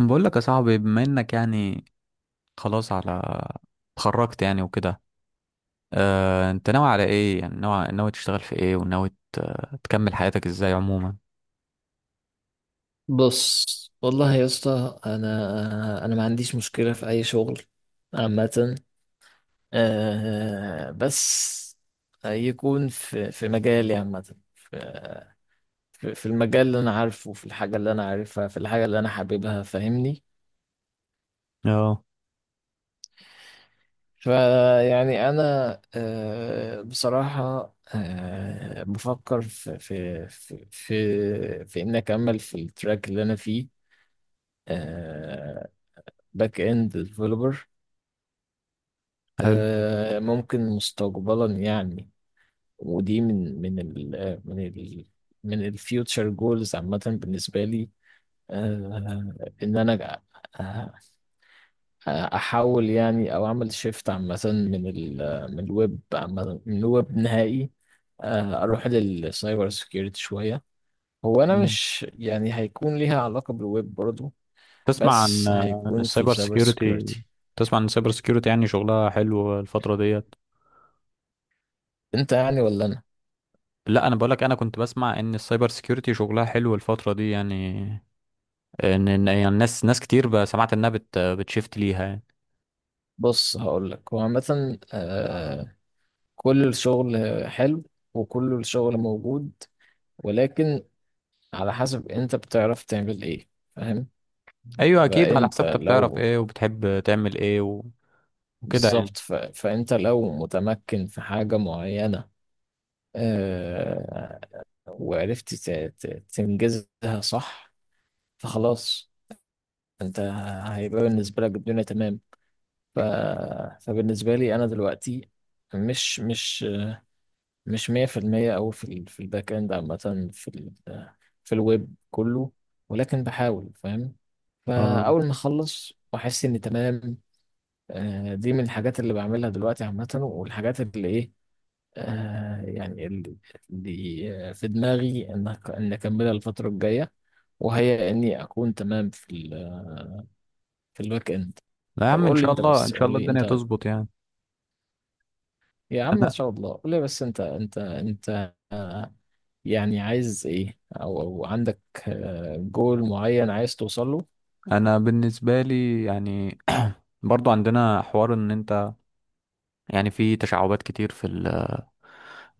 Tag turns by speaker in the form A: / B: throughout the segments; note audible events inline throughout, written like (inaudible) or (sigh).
A: بقول لك يا صاحبي، بما انك يعني خلاص، على اتخرجت يعني وكده. اه، انت ناوي على ايه؟ يعني ناوي تشتغل في ايه؟ تكمل حياتك ازاي عموما؟
B: بص، والله يا اسطى. انا ما عنديش مشكله في اي شغل عامه. بس يكون في في مجالي عامه. في المجال اللي انا عارفه، في الحاجه اللي انا عارفها، في الحاجه اللي انا حاببها، فاهمني؟
A: اه،
B: فيعني انا آه، بصراحه، بفكر في ان اكمل في التراك اللي انا فيه، باك اند ديفلوبر.
A: حلو.
B: ممكن مستقبلا يعني. ودي من من ال آه، من ال من الفيوتشر جولز عامة بالنسبة لي. آه، إن أنا آه، أحاول يعني، أو أعمل شيفت عامة من ال آه، من الويب، عامة من الويب نهائي. أروح للسايبر سكيورتي شوية. هو أنا
A: مم.
B: مش يعني هيكون ليها علاقة بالويب برضو،
A: تسمع عن
B: بس هيكون في
A: السايبر
B: السايبر
A: سيكيورتي؟
B: سكيورتي.
A: تسمع عن السايبر سيكيورتي؟ يعني شغلها حلو الفترة ديت.
B: أنت يعني ولا أنا؟
A: لا، انا بقول لك، انا كنت بسمع ان السايبر سيكيورتي شغلها حلو الفترة دي يعني. ان يعني ناس كتير بقى سمعت انها بتشيفت ليها يعني.
B: بص، هقول لك. هو عامة، كل الشغل حلو، وكل الشغل موجود، ولكن على حسب انت بتعرف تعمل ايه، فاهم؟
A: ايوه، اكيد على
B: فانت
A: حسب انت بتعرف
B: لو
A: ايه وبتحب تعمل ايه وكده يعني.
B: بالظبط. فانت لو متمكن في حاجة معينة، آه... وعرفت تنجزها صح، فخلاص، انت هيبقى بالنسبة لك الدنيا تمام. ف... فبالنسبة لي انا دلوقتي مش مش مش 100% أوي في ال في الباك إند، عامة في ال في الويب كله، ولكن بحاول، فاهم؟
A: اه،
B: فأول ما أخلص وأحس إني تمام، دي من الحاجات اللي بعملها دلوقتي عامة. والحاجات اللي إيه، آه، يعني اللي اللي آه، في دماغي إن أكملها الفترة الجاية، وهي إني أكون تمام في ال في الباك إند.
A: لا يا
B: طب
A: عم، ان
B: قول لي
A: شاء
B: أنت،
A: الله، ان
B: بس
A: شاء
B: قول
A: الله
B: لي
A: الدنيا
B: أنت
A: تظبط يعني.
B: يا عم، إن
A: انا
B: شاء الله. قول لي بس أنت آه، يعني عايز ايه، أو عندك جول معين عايز توصل له؟
A: انا بالنسبه لي يعني (clears throat) برضو عندنا حوار، ان انت يعني في تشعبات كتير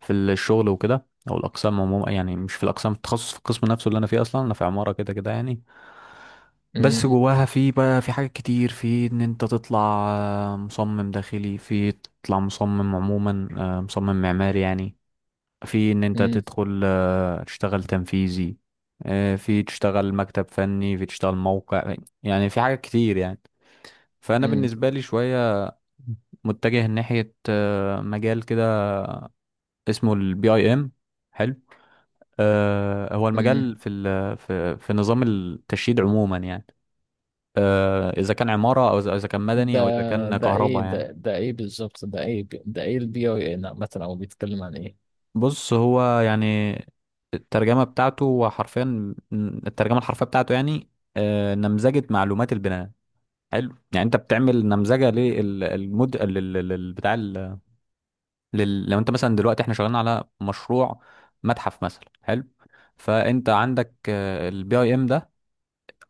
A: في الشغل وكده، او الاقسام عموما. يعني مش في الاقسام، التخصص في القسم نفسه اللي انا فيه، اصلا انا في عماره كده كده يعني. بس
B: امم،
A: جواها في بقى في حاجات كتير في ان انت تطلع مصمم داخلي، في تطلع مصمم عموما، مصمم معماري يعني، في ان انت
B: امم،
A: تدخل تشتغل تنفيذي، في تشتغل مكتب فني، في تشتغل موقع. يعني في حاجات كتير يعني. فانا
B: امم،
A: بالنسبه لي شويه متجه ناحيه مجال كده اسمه البي اي ام. حلو. هو
B: امم.
A: المجال في ال- في في نظام التشييد عموما يعني، اذا كان عماره، او إذا كان مدني،
B: ده
A: او اذا كان
B: ده ايه
A: كهرباء يعني.
B: ده ده ايه بالظبط؟ ده ايه البي اي ان عامه، او بيتكلم عن ايه؟
A: بص، هو يعني الترجمة بتاعته، هو حرفيا الترجمة الحرفية بتاعته يعني نمذجة معلومات البناء. حلو. يعني انت بتعمل نمذجة للمود لل- لل- بتاع ال- لل- لو انت مثلا دلوقتي احنا شغالين على مشروع متحف مثلا. حلو. فانت عندك البي اي ام ده،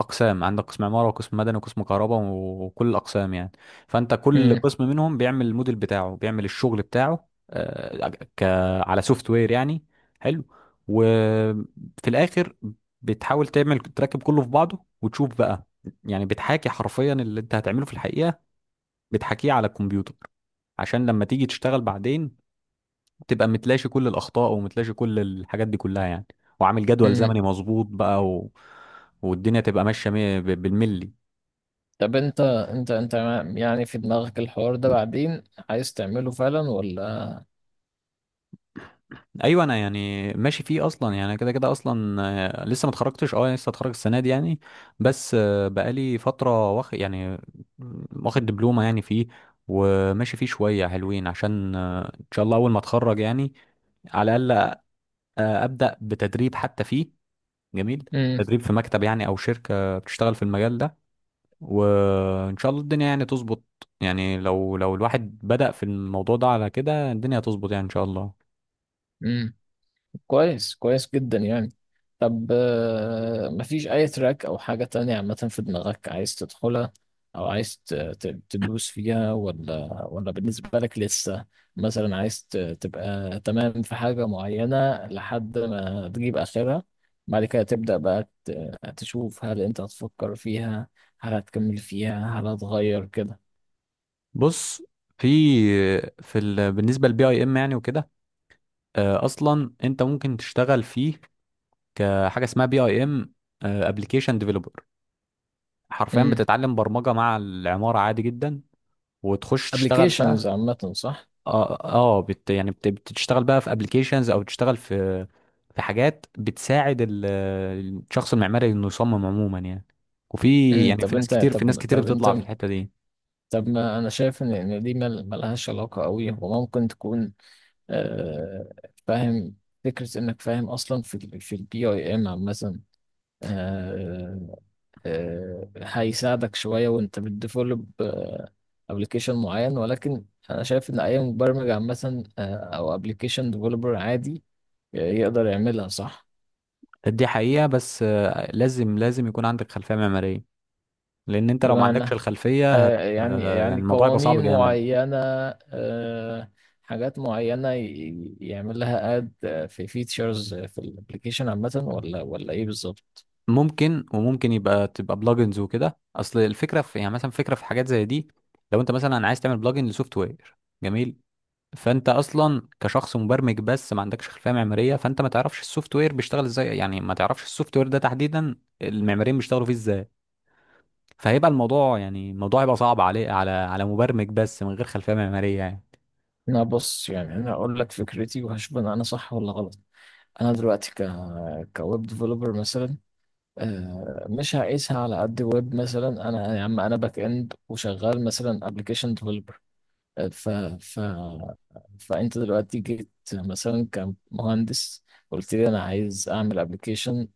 A: اقسام. عندك قسم عماره، وقسم مدني، وقسم كهرباء، وكل الاقسام يعني. فانت كل
B: امم،
A: قسم منهم بيعمل الموديل بتاعه، بيعمل الشغل بتاعه آه، ك على سوفت وير يعني. حلو. وفي الاخر بتحاول تعمل، تركب كله في بعضه وتشوف بقى. يعني بتحاكي حرفيا اللي انت هتعمله في الحقيقه، بتحاكيه على الكمبيوتر عشان لما تيجي تشتغل بعدين تبقى متلاشي كل الاخطاء، ومتلاشي كل الحاجات دي كلها يعني، وعامل جدول زمني
B: امم.
A: مظبوط بقى والدنيا تبقى بالملي.
B: طب انت يعني في دماغك الحوار ده بعدين عايز تعمله فعلا ولا؟
A: ايوه، انا يعني ماشي فيه اصلا يعني، أنا كده كده اصلا لسه ما اتخرجتش. اه، لسه اتخرج السنه دي يعني. بس بقالي فتره واخد يعني، واخد دبلومه يعني فيه، وماشي فيه شويه حلوين عشان ان شاء الله اول ما اتخرج يعني، على الاقل ابدا بتدريب حتى فيه. جميل. تدريب في مكتب يعني، او شركه بتشتغل في المجال ده، وان شاء الله الدنيا يعني تظبط. يعني لو الواحد بدأ في الموضوع ده على كده، الدنيا هتظبط يعني ان شاء الله.
B: امم. كويس، كويس جدا يعني. طب، مفيش أي تراك أو حاجة تانية عامة في دماغك عايز تدخلها، أو عايز تدوس فيها، ولا بالنسبة لك لسه مثلا عايز تبقى تمام في حاجة معينة لحد ما تجيب آخرها، بعد كده تبدأ بقى تشوف هل أنت هتفكر فيها، هل هتكمل فيها، هل هتغير كده؟
A: بص، في بالنسبه للبي اي ام يعني وكده، اصلا انت ممكن تشتغل فيه كحاجه اسمها بي اي ام ابلكيشن ديفلوبر. حرفيا
B: امم.
A: بتتعلم برمجه مع العماره عادي جدا وتخش تشتغل
B: ابلكيشنز
A: بقى.
B: عامة، صح؟
A: اه، اه، بتشتغل بقى في ابلكيشنز، او تشتغل في في حاجات بتساعد ال... الشخص المعماري انه يصمم عموما يعني. وفي
B: امم.
A: يعني
B: طب
A: في ناس
B: أنت،
A: كتير، في ناس
B: طب
A: كتير
B: طب أنت،
A: بتطلع في الحته دي.
B: طب ما انا شايف ان دي ملهاش علاقه قوي. هو ممكن تكون، آه، فاهم، فكره انك فاهم اصلا في ال في البي اي ام مثلا هيساعدك شويه وانت بتديفلوب ابلكيشن معين، ولكن انا شايف ان اي مبرمج عامه، او ابلكيشن ديفلوبر عادي، يقدر يعملها، صح؟
A: دي حقيقه، بس لازم يكون عندك خلفيه معماريه، لان انت لو ما عندكش
B: بمعنى
A: الخلفيه هت
B: آه، يعني
A: يعني
B: يعني
A: الموضوع يبقى صعب
B: قوانين
A: جامد.
B: معينة، آه، حاجات معينة يعمل لها اد، في فيتشرز في الابلكيشن عامة، ولا ايه بالظبط؟
A: ممكن، وممكن يبقى بلجنز وكده. اصل الفكره في يعني مثلا فكره في حاجات زي دي، لو انت مثلا عايز تعمل بلجن لسوفت وير. جميل. فانت اصلا كشخص مبرمج بس ما عندكش خلفيه معماريه، فانت ما تعرفش السوفت وير بيشتغل ازاي يعني، ما تعرفش السوفت وير ده تحديدا المعماريين بيشتغلوا فيه ازاي. فهيبقى الموضوع يعني، الموضوع هيبقى صعب عليه، على على مبرمج بس من غير خلفيه معماريه يعني.
B: انا، بص يعني، انا هقول لك فكرتي، وهشوف ان انا صح ولا غلط. انا دلوقتي كويب ديفلوبر مثلا. مش هقيسها على قد ويب. مثلا انا يا عم، انا باك اند وشغال مثلا ابلكيشن. ف... ف... فانت دلوقتي جيت مثلا كمهندس، قلت لي انا عايز اعمل ابلكيشن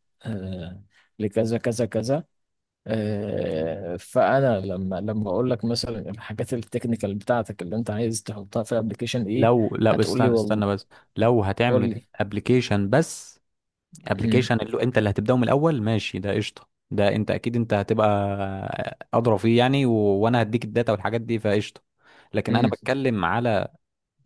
B: لكذا كذا كذا. فانا لما اقول لك مثلا الحاجات التكنيكال بتاعتك اللي انت عايز تحطها في الابلكيشن ايه،
A: لو لا، بس
B: هتقول لي والله
A: استنى بس، لو هتعمل
B: قول
A: ابلكيشن بس، ابلكيشن اللي انت اللي هتبداه من الاول، ماشي، ده قشطه، ده انت اكيد انت هتبقى ادرى فيه يعني، وانا هديك الداتا والحاجات دي فقشطه. لكن انا بتكلم على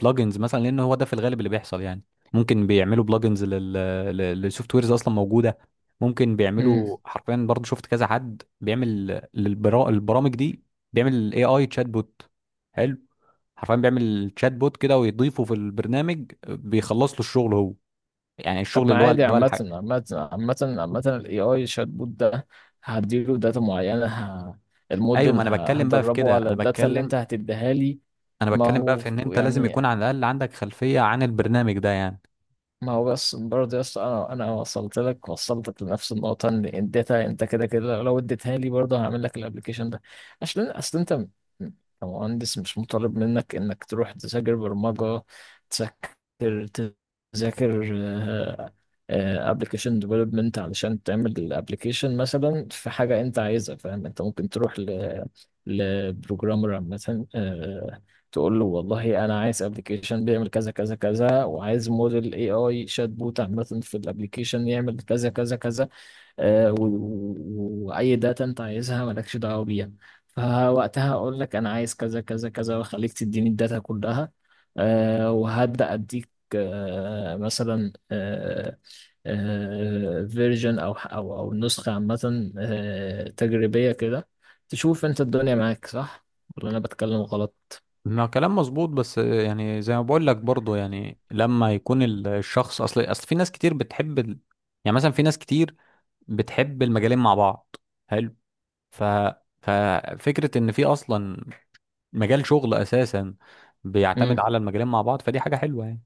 A: بلجنز مثلا، لان هو ده في الغالب اللي بيحصل يعني. ممكن بيعملوا بلجنز للسوفت ويرز اصلا موجوده. ممكن
B: لي.
A: بيعملوا حرفيا برضو، شفت كذا حد بيعمل البرامج دي بيعمل اي تشات بوت. حلو. حرفيا بيعمل تشات بوت كده ويضيفه في البرنامج، بيخلص له الشغل هو، يعني
B: طب
A: الشغل
B: ما
A: اللي هو
B: عادي،
A: اللي هو
B: عامة، ال AI شات بوت ده هديله داتا معينة،
A: ايوه. ما
B: الموديل
A: انا بتكلم بقى في
B: هدربه
A: كده،
B: على
A: انا
B: الداتا اللي
A: بتكلم،
B: انت هتديها لي.
A: انا
B: ما
A: بتكلم بقى
B: هو
A: في ان انت لازم
B: يعني،
A: يكون على الاقل عندك خلفية عن البرنامج ده يعني.
B: ما هو بس برضه يا اسطى، انا وصلت لك، لنفس النقطه. ان اديتها انت كده كده، لو اديتها لي برضه هعمل لك الابلكيشن ده. عشان اصل انت م- كمهندس مش مطالب منك انك تروح تذاكر برمجه، تذاكر تذاكر ابلكيشن ديفلوبمنت علشان تعمل الابلكيشن. مثلا في حاجه انت عايزها، فاهم، انت ممكن تروح لبروجرامر مثلا، تقول له والله انا عايز ابلكيشن بيعمل كذا كذا كذا، وعايز موديل اي اي شات بوت عامه في الابلكيشن يعمل كذا كذا كذا. واي داتا انت عايزها مالكش دعوه بيها، فوقتها اقول لك انا عايز كذا كذا كذا، واخليك تديني الداتا كلها. وهبدا اديك، مثلا، فيرجن او نسخه عامه، تجريبيه كده، تشوف انت الدنيا معاك صح ولا انا بتكلم غلط؟
A: ما كلام مظبوط، بس يعني زي ما بقول لك برضه يعني، لما يكون الشخص، اصل في ناس كتير بتحب ال... يعني مثلا في ناس كتير بتحب المجالين مع بعض. حلو. ف ففكرة ان في اصلا مجال شغل اساسا بيعتمد على المجالين مع بعض، فدي حاجة حلوة يعني.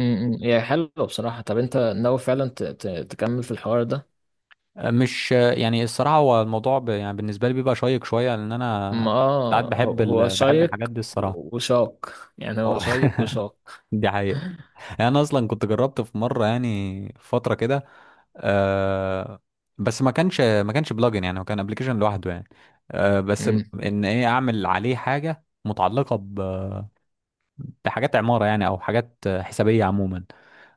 B: امم. هي حلوة بصراحة. طب انت ناوي فعلا تكمل في الحوار ده؟
A: مش يعني الصراحة، هو الموضوع يعني بالنسبة لي بيبقى شيق شوية، لأن أنا
B: ما
A: ساعات
B: هو،
A: بحب ال... (laughs) بحب
B: شيق،
A: الحاجات دي الصراحة.
B: وشاق يعني. هو
A: هو
B: شيق وشاق.
A: (laughs) دي حقيقة.
B: (laughs)
A: يعني أنا أصلا كنت جربت في مرة يعني، في فترة كده آه... بس ما كانش بلجن يعني، هو كان ابلكيشن لوحده يعني. آه... بس م-
B: امم،
A: إن إيه، أعمل عليه حاجة متعلقة ب... بحاجات عمارة يعني، أو حاجات حسابية عموما.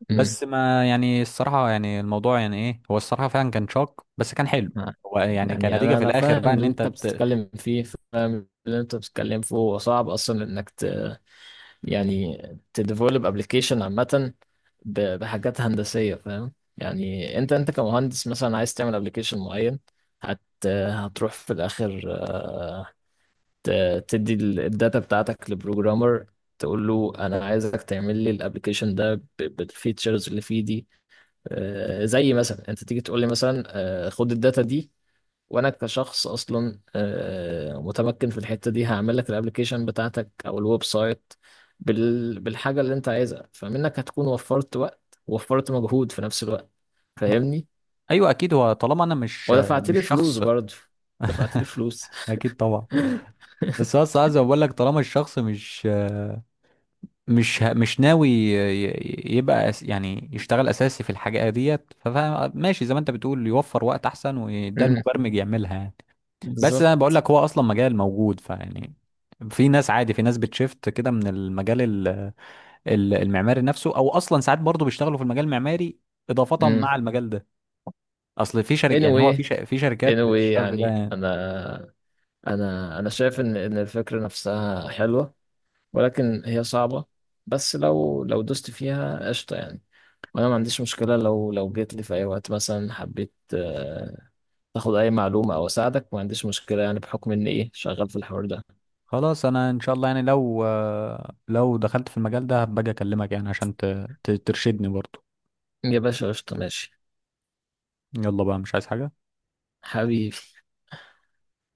B: امم،
A: بس ما يعني الصراحة يعني، الموضوع يعني إيه، هو الصراحة فعلا كان شاق، بس كان حلو.
B: آه.
A: هو يعني
B: يعني
A: كنتيجة
B: انا،
A: في الآخر بقى
B: فاهم
A: إن
B: اللي انت
A: أنت
B: بتتكلم فيه، فاهم اللي انت بتتكلم فيه. هو صعب اصلا انك يعني تديفلوب ابلكيشن عامة بحاجات هندسية، فاهم يعني انت، كمهندس مثلا عايز تعمل ابلكيشن معين، هت هتروح في الاخر تدي الداتا بتاعتك لبروجرامر، تقول له انا عايزك تعمل لي الابلكيشن ده بالفيتشرز اللي فيه دي. زي مثلا انت تيجي تقول لي مثلا، خد الداتا دي، وانا كشخص اصلا متمكن في الحتة دي، هعمل لك الابلكيشن بتاعتك او الويب سايت بالحاجة اللي انت عايزها. فمنك هتكون وفرت وقت، ووفرت مجهود في نفس الوقت، فاهمني؟
A: ايوه، اكيد. هو طالما انا مش
B: ودفعت
A: مش
B: لي فلوس
A: شخص
B: برضه، ودفعت لي فلوس.
A: اكيد طبعا.
B: (laughs)
A: بس هو الصراحه زي ما بقول لك، طالما الشخص مش ناوي يبقى يعني يشتغل اساسي في الحاجه ديت، فماشي زي ما انت بتقول، يوفر وقت احسن، وده
B: امم.
A: المبرمج يعملها يعني. بس
B: بالظبط.
A: انا بقول لك، هو اصلا مجال موجود فيعني. في ناس عادي، في ناس بتشفت كده من المجال المعماري نفسه، او اصلا ساعات برضه بيشتغلوا في المجال المعماري اضافه
B: امم.
A: مع المجال ده. اصل في شركه يعني، هو
B: Anyway،
A: في شركات بتشتغل في ده
B: يعني
A: يعني.
B: انا، شايف ان الفكرة نفسها حلوة، ولكن هي صعبة. بس لو دوست فيها، قشطة يعني. وانا ما عنديش مشكلة لو جيت لي في اي وقت، مثلا حبيت تاخد اي معلومة او اساعدك. ما عنديش مشكلة يعني، بحكم اني ايه، شغال في الحوار ده.
A: خلاص، انا ان شاء الله يعني لو دخلت في المجال ده هبقى اكلمك يعني، عشان ترشدني برضو.
B: يا باشا، قشطة، ماشي،
A: يلا بقى، مش عايز حاجة.
B: حبيبي.